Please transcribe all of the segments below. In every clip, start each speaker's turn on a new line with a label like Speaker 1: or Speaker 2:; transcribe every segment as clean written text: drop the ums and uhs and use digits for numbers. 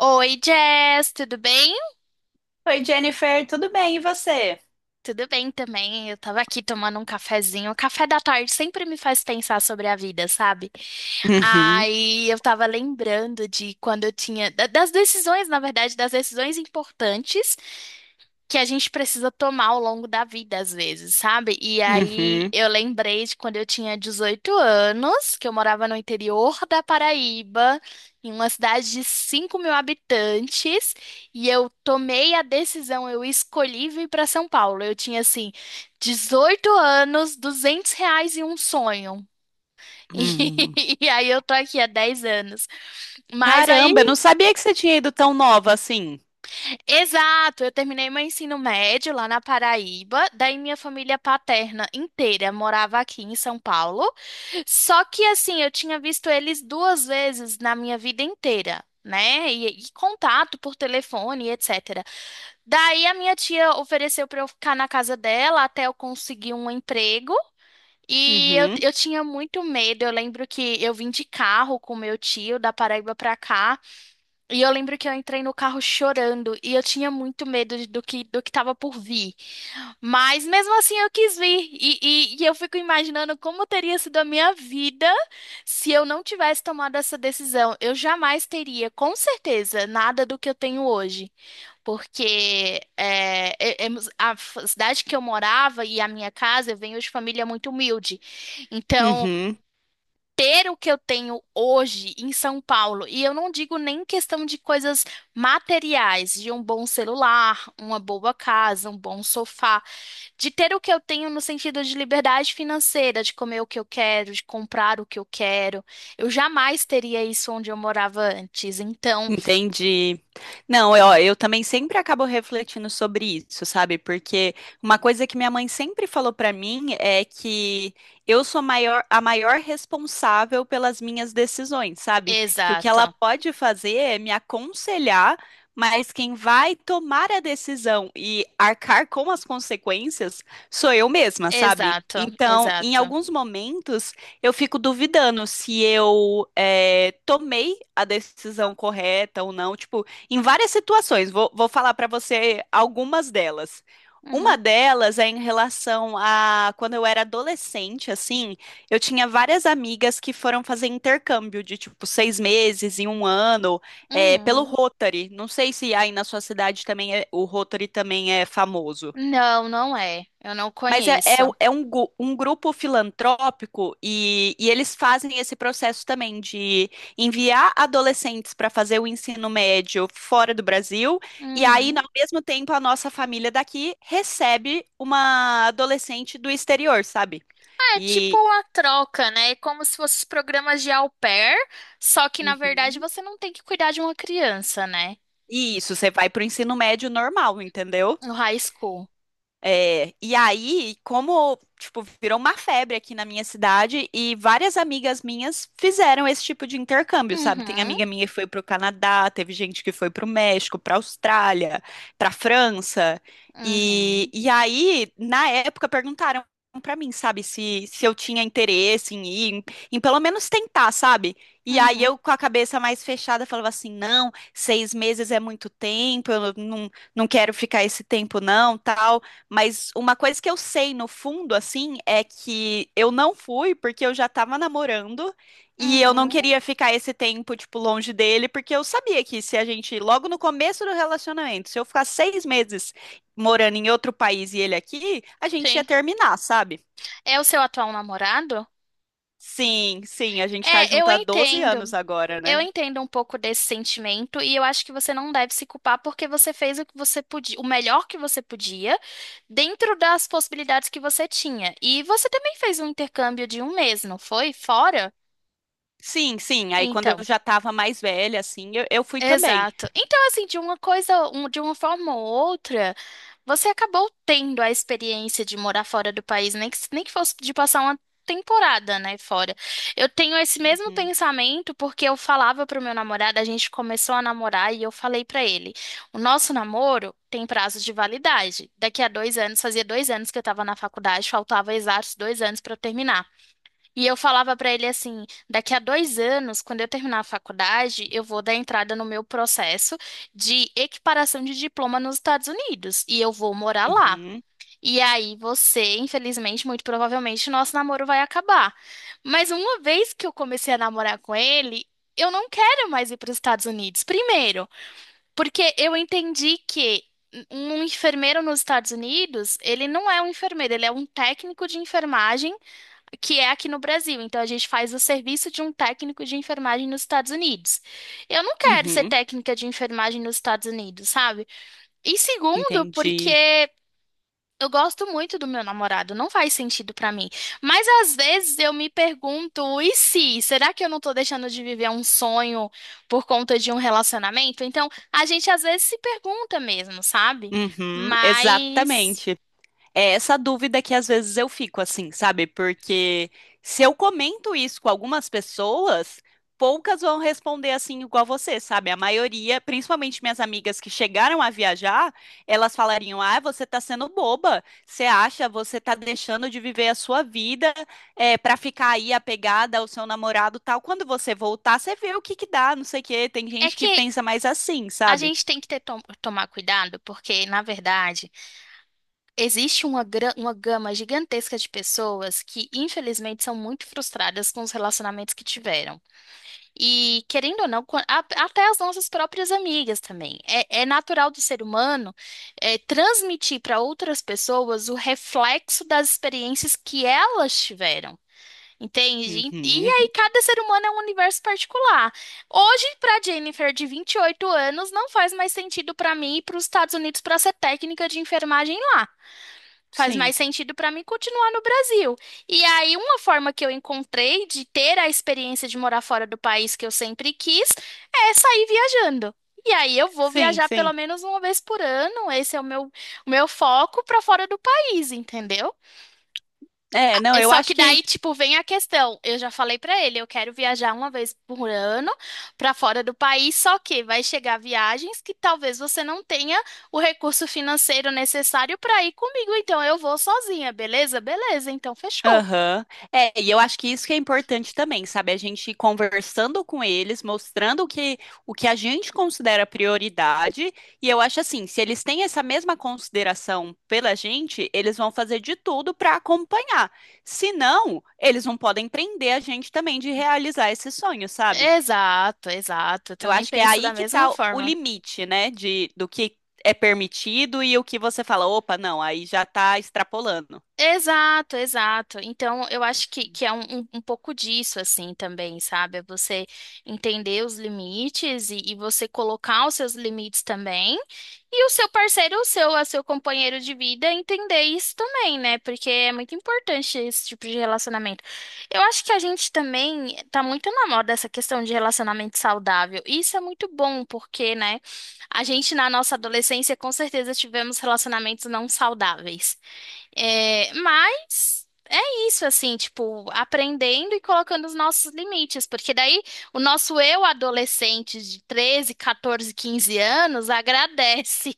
Speaker 1: Oi, Jess, tudo bem?
Speaker 2: Oi, Jennifer, tudo bem? E você?
Speaker 1: Tudo bem também. Eu tava aqui tomando um cafezinho. O café da tarde sempre me faz pensar sobre a vida, sabe?
Speaker 2: Uhum,
Speaker 1: Aí eu tava lembrando de quando das decisões, na verdade, das decisões importantes que a gente precisa tomar ao longo da vida, às vezes, sabe? E aí
Speaker 2: uhum,
Speaker 1: eu lembrei de quando eu tinha 18 anos, que eu morava no interior da Paraíba, em uma cidade de 5 mil habitantes, e eu tomei a decisão, eu escolhi vir para São Paulo. Eu tinha, assim, 18 anos, R$ 200 e um sonho.
Speaker 2: uhum.
Speaker 1: E, aí eu tô aqui há 10 anos. Mas aí.
Speaker 2: Caramba, eu não sabia que você tinha ido tão nova assim.
Speaker 1: Exato, eu terminei meu ensino médio lá na Paraíba, daí minha família paterna inteira morava aqui em São Paulo. Só que assim, eu tinha visto eles 2 vezes na minha vida inteira, né? E contato por telefone, etc. Daí a minha tia ofereceu para eu ficar na casa dela até eu conseguir um emprego. E eu,
Speaker 2: Uhum,
Speaker 1: eu tinha muito medo. Eu lembro que eu vim de carro com meu tio da Paraíba para cá. E eu lembro que eu entrei no carro chorando e eu tinha muito medo do que estava por vir. Mas mesmo assim eu quis vir. E eu fico imaginando como teria sido a minha vida se eu não tivesse tomado essa decisão. Eu jamais teria, com certeza, nada do que eu tenho hoje. Porque a cidade que eu morava e a minha casa, eu venho de família muito humilde. Então
Speaker 2: uhum.
Speaker 1: ter o que eu tenho hoje em São Paulo, e eu não digo nem questão de coisas materiais, de um bom celular, uma boa casa, um bom sofá, de ter o que eu tenho no sentido de liberdade financeira, de comer o que eu quero, de comprar o que eu quero. Eu jamais teria isso onde eu morava antes. Então,
Speaker 2: Entendi. Não, eu também sempre acabo refletindo sobre isso, sabe? Porque uma coisa que minha mãe sempre falou pra mim é que eu sou maior, a maior responsável pelas minhas decisões, sabe? Que o que ela
Speaker 1: exato,
Speaker 2: pode fazer é me aconselhar, mas quem vai tomar a decisão e arcar com as consequências sou eu mesma, sabe?
Speaker 1: exato,
Speaker 2: Então, em
Speaker 1: exato.
Speaker 2: alguns momentos, eu fico duvidando se eu tomei a decisão correta ou não. Tipo, em várias situações, vou falar pra você algumas delas.
Speaker 1: Uhum,
Speaker 2: Uma delas é em relação a quando eu era adolescente, assim, eu tinha várias amigas que foram fazer intercâmbio de tipo 6 meses e um ano pelo
Speaker 1: uhum.
Speaker 2: Rotary. Não sei se aí na sua cidade também o Rotary também é famoso.
Speaker 1: Não, não é. Eu não
Speaker 2: Mas
Speaker 1: conheço.
Speaker 2: é um, um grupo filantrópico e eles fazem esse processo também de enviar adolescentes para fazer o ensino médio fora do Brasil, e aí,
Speaker 1: Uhum.
Speaker 2: ao mesmo tempo, a nossa família daqui recebe uma adolescente do exterior, sabe?
Speaker 1: É tipo
Speaker 2: E,
Speaker 1: uma troca, né? É como se fossem os programas de au pair, só que na verdade
Speaker 2: Uhum.
Speaker 1: você não tem que cuidar de uma criança, né?
Speaker 2: E isso, você vai para o ensino médio normal, entendeu?
Speaker 1: No high school.
Speaker 2: É, e aí, como, tipo, virou uma febre aqui na minha cidade e várias amigas minhas fizeram esse tipo de intercâmbio, sabe? Tem
Speaker 1: Uhum,
Speaker 2: amiga minha que foi pro Canadá, teve gente que foi pro México, pra Austrália, pra França. E,
Speaker 1: uhum,
Speaker 2: e aí, na época, perguntaram pra mim, sabe, se eu tinha interesse em ir, em, em pelo menos tentar, sabe? E aí
Speaker 1: uhum,
Speaker 2: eu, com a cabeça mais fechada, falava assim, não, 6 meses é muito tempo, eu não, não quero ficar esse tempo não, tal. Mas uma coisa que eu sei no fundo, assim, é que eu não fui porque eu já tava namorando e eu não
Speaker 1: uhum.
Speaker 2: queria ficar esse tempo, tipo, longe dele, porque eu sabia que se a gente, logo no começo do relacionamento, se eu ficar 6 meses morando em outro país e ele aqui, a gente ia
Speaker 1: Sim.
Speaker 2: terminar, sabe?
Speaker 1: É o seu atual namorado?
Speaker 2: Sim, sim, a gente tá
Speaker 1: É,
Speaker 2: junto
Speaker 1: eu
Speaker 2: há 12 anos
Speaker 1: entendo.
Speaker 2: agora,
Speaker 1: Eu
Speaker 2: né?
Speaker 1: entendo um pouco desse sentimento e eu acho que você não deve se culpar porque você fez o que você podia, o melhor que você podia, dentro das possibilidades que você tinha. E você também fez um intercâmbio de um mês, não foi? Fora?
Speaker 2: Sim, sim. Aí quando eu
Speaker 1: Então.
Speaker 2: já tava mais velha, assim, eu fui também.
Speaker 1: Exato. Então, assim, de uma coisa, de uma forma ou outra, você acabou tendo a experiência de morar fora do país, nem que, nem que fosse de passar uma temporada, né, fora. Eu tenho esse mesmo
Speaker 2: Uhum,
Speaker 1: pensamento porque eu falava pro meu namorado, a gente começou a namorar e eu falei pra ele, o nosso namoro tem prazo de validade. Daqui a 2 anos, fazia 2 anos que eu tava na faculdade, faltava exatos 2 anos pra eu terminar. E eu falava pra ele assim: daqui a 2 anos, quando eu terminar a faculdade, eu vou dar entrada no meu processo de equiparação de diploma nos Estados Unidos e eu vou morar lá.
Speaker 2: uhum,
Speaker 1: E aí você, infelizmente, muito provavelmente, nosso namoro vai acabar. Mas uma vez que eu comecei a namorar com ele, eu não quero mais ir para os Estados Unidos. Primeiro, porque eu entendi que um enfermeiro nos Estados Unidos, ele não é um enfermeiro, ele é um técnico de enfermagem que é aqui no Brasil. Então a gente faz o serviço de um técnico de enfermagem nos Estados Unidos. Eu não quero ser
Speaker 2: uhum,
Speaker 1: técnica de enfermagem nos Estados Unidos, sabe? E segundo,
Speaker 2: entendi.
Speaker 1: porque eu gosto muito do meu namorado, não faz sentido pra mim. Mas às vezes eu me pergunto, e se? Será que eu não tô deixando de viver um sonho por conta de um relacionamento? Então a gente às vezes se pergunta mesmo, sabe?
Speaker 2: Uhum,
Speaker 1: Mas
Speaker 2: exatamente. É essa dúvida que às vezes eu fico assim, sabe? Porque se eu comento isso com algumas pessoas, poucas vão responder assim igual você, sabe? A maioria, principalmente minhas amigas que chegaram a viajar, elas falariam: "Ah, você tá sendo boba. Você acha, você tá deixando de viver a sua vida para ficar aí apegada ao seu namorado, tal. Quando você voltar, você vê o que que dá, não sei o quê". Tem
Speaker 1: é
Speaker 2: gente que
Speaker 1: que
Speaker 2: pensa mais assim,
Speaker 1: a
Speaker 2: sabe?
Speaker 1: gente tem que ter, tomar cuidado, porque, na verdade, existe uma, uma gama gigantesca de pessoas que, infelizmente, são muito frustradas com os relacionamentos que tiveram. E, querendo ou não, até as nossas próprias amigas também. É, é natural do ser humano, transmitir para outras pessoas o reflexo das experiências que elas tiveram. Entende? E
Speaker 2: Uhum,
Speaker 1: aí, cada ser humano é um universo particular. Hoje, para Jennifer, de 28 anos, não faz mais sentido para mim ir para os Estados Unidos para ser técnica de enfermagem lá. Faz
Speaker 2: sim.
Speaker 1: mais sentido para mim continuar no Brasil. E aí, uma forma que eu encontrei de ter a experiência de morar fora do país que eu sempre quis é sair viajando. E aí, eu vou
Speaker 2: Sim,
Speaker 1: viajar pelo
Speaker 2: sim.
Speaker 1: menos uma vez por ano. Esse é o meu foco para fora do país, entendeu?
Speaker 2: É, não,
Speaker 1: É
Speaker 2: eu
Speaker 1: só que
Speaker 2: acho que.
Speaker 1: daí, tipo, vem a questão. Eu já falei pra ele, eu quero viajar uma vez por ano pra fora do país, só que vai chegar viagens que talvez você não tenha o recurso financeiro necessário pra ir comigo, então eu vou sozinha, beleza? Beleza, então fechou.
Speaker 2: Aham. É, e eu acho que isso que é importante também, sabe? A gente ir conversando com eles, mostrando o que a gente considera prioridade. E eu acho assim, se eles têm essa mesma consideração pela gente, eles vão fazer de tudo para acompanhar. Se não, eles não podem prender a gente também de realizar esse sonho, sabe?
Speaker 1: Exato, exato. Eu
Speaker 2: Eu
Speaker 1: também
Speaker 2: acho que é
Speaker 1: penso da
Speaker 2: aí que
Speaker 1: mesma
Speaker 2: tá o
Speaker 1: forma.
Speaker 2: limite, né? De, do que é permitido e o que você fala, opa, não, aí já tá extrapolando.
Speaker 1: Exato, exato. Então, eu acho que é um, pouco disso, assim, também, sabe? É, você entender os limites e você colocar os seus limites também. E o seu parceiro, o seu companheiro de vida, entender isso também, né? Porque é muito importante esse tipo de relacionamento. Eu acho que a gente também tá muito na moda essa questão de relacionamento saudável. E isso é muito bom, porque, né? A gente, na nossa adolescência, com certeza tivemos relacionamentos não saudáveis. É, mas é isso, assim, tipo, aprendendo e colocando os nossos limites, porque daí o nosso eu adolescente de 13 14, 15 anos agradece.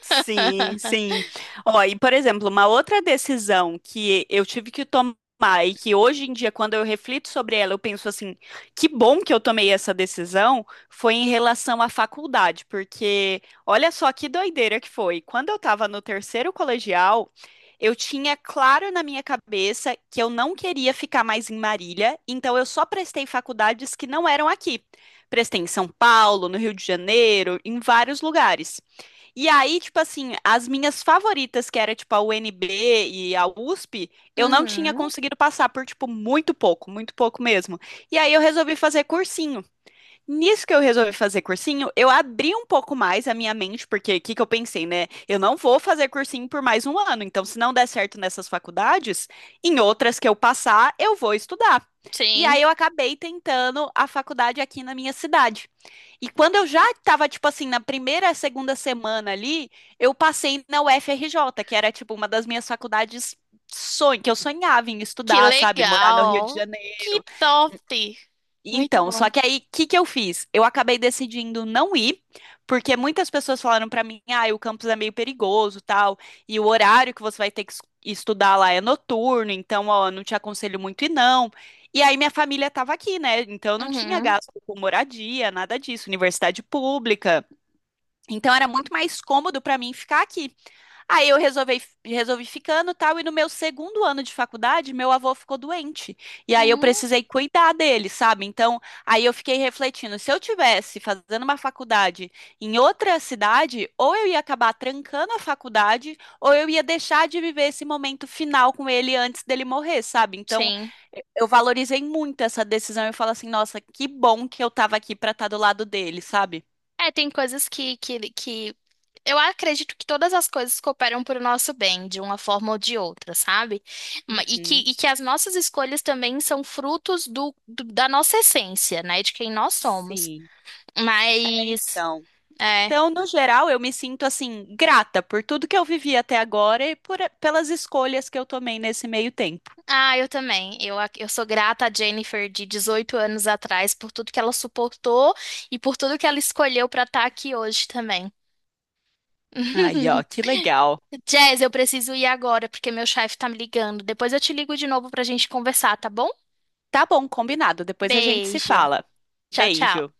Speaker 2: Sim, sim. Ó, e por exemplo, uma outra decisão que eu tive que tomar e que hoje em dia, quando eu reflito sobre ela, eu penso assim, que bom que eu tomei essa decisão, foi em relação à faculdade, porque olha só que doideira que foi. Quando eu estava no terceiro colegial, eu tinha claro na minha cabeça que eu não queria ficar mais em Marília, então eu só prestei faculdades que não eram aqui. Prestei em São Paulo, no Rio de Janeiro, em vários lugares. E aí, tipo assim, as minhas favoritas, que era tipo a UNB e a USP, eu não tinha
Speaker 1: Uhum,
Speaker 2: conseguido passar por, tipo, muito pouco mesmo. E aí eu resolvi fazer cursinho. Nisso que eu resolvi fazer cursinho, eu abri um pouco mais a minha mente, porque o que que eu pensei, né? Eu não vou fazer cursinho por mais um ano, então se não der certo nessas faculdades, em outras que eu passar, eu vou estudar. E
Speaker 1: sim.
Speaker 2: aí eu acabei tentando a faculdade aqui na minha cidade. E quando eu já estava, tipo assim, na primeira, segunda semana ali, eu passei na UFRJ, que era, tipo, uma das minhas faculdades sonho, que eu sonhava em
Speaker 1: Que
Speaker 2: estudar, sabe? Morar no Rio de
Speaker 1: legal. Que
Speaker 2: Janeiro.
Speaker 1: top. Muito
Speaker 2: Então, só
Speaker 1: bom.
Speaker 2: que aí, o que que eu fiz? Eu acabei decidindo não ir, porque muitas pessoas falaram pra mim, ah, o campus é meio perigoso, tal, e o horário que você vai ter que estudar lá é noturno, então, ó, não te aconselho muito ir não. E aí minha família tava aqui, né? Então eu não tinha
Speaker 1: Uhum,
Speaker 2: gasto com moradia, nada disso, universidade pública. Então era muito mais cômodo pra mim ficar aqui. Aí resolvi ficando e tal, e no meu segundo ano de faculdade, meu avô ficou doente. E aí eu
Speaker 1: uhum,
Speaker 2: precisei cuidar dele, sabe? Então, aí eu fiquei refletindo, se eu tivesse fazendo uma faculdade em outra cidade, ou eu ia acabar trancando a faculdade, ou eu ia deixar de viver esse momento final com ele antes dele morrer, sabe? Então,
Speaker 1: sim.
Speaker 2: eu valorizei muito essa decisão. Eu falo assim, nossa, que bom que eu tava aqui pra estar do lado dele, sabe?
Speaker 1: É, tem coisas que eu acredito que todas as coisas cooperam para o nosso bem, de uma forma ou de outra, sabe? E que,
Speaker 2: Uhum,
Speaker 1: e que as nossas escolhas também são frutos da nossa essência, né? De quem nós somos.
Speaker 2: sim. É,
Speaker 1: Mas,
Speaker 2: então.
Speaker 1: é.
Speaker 2: Então, no geral, eu me sinto assim, grata por tudo que eu vivi até agora e por, pelas escolhas que eu tomei nesse meio tempo.
Speaker 1: Ah, eu também. Eu sou grata à Jennifer de 18 anos atrás por tudo que ela suportou e por tudo que ela escolheu para estar aqui hoje também.
Speaker 2: Aí, ó, que legal.
Speaker 1: Jazz, eu preciso ir agora porque meu chefe tá me ligando. Depois eu te ligo de novo pra gente conversar, tá bom?
Speaker 2: Tá bom, combinado. Depois a gente se
Speaker 1: Beijo.
Speaker 2: fala.
Speaker 1: Tchau, tchau.
Speaker 2: Beijo.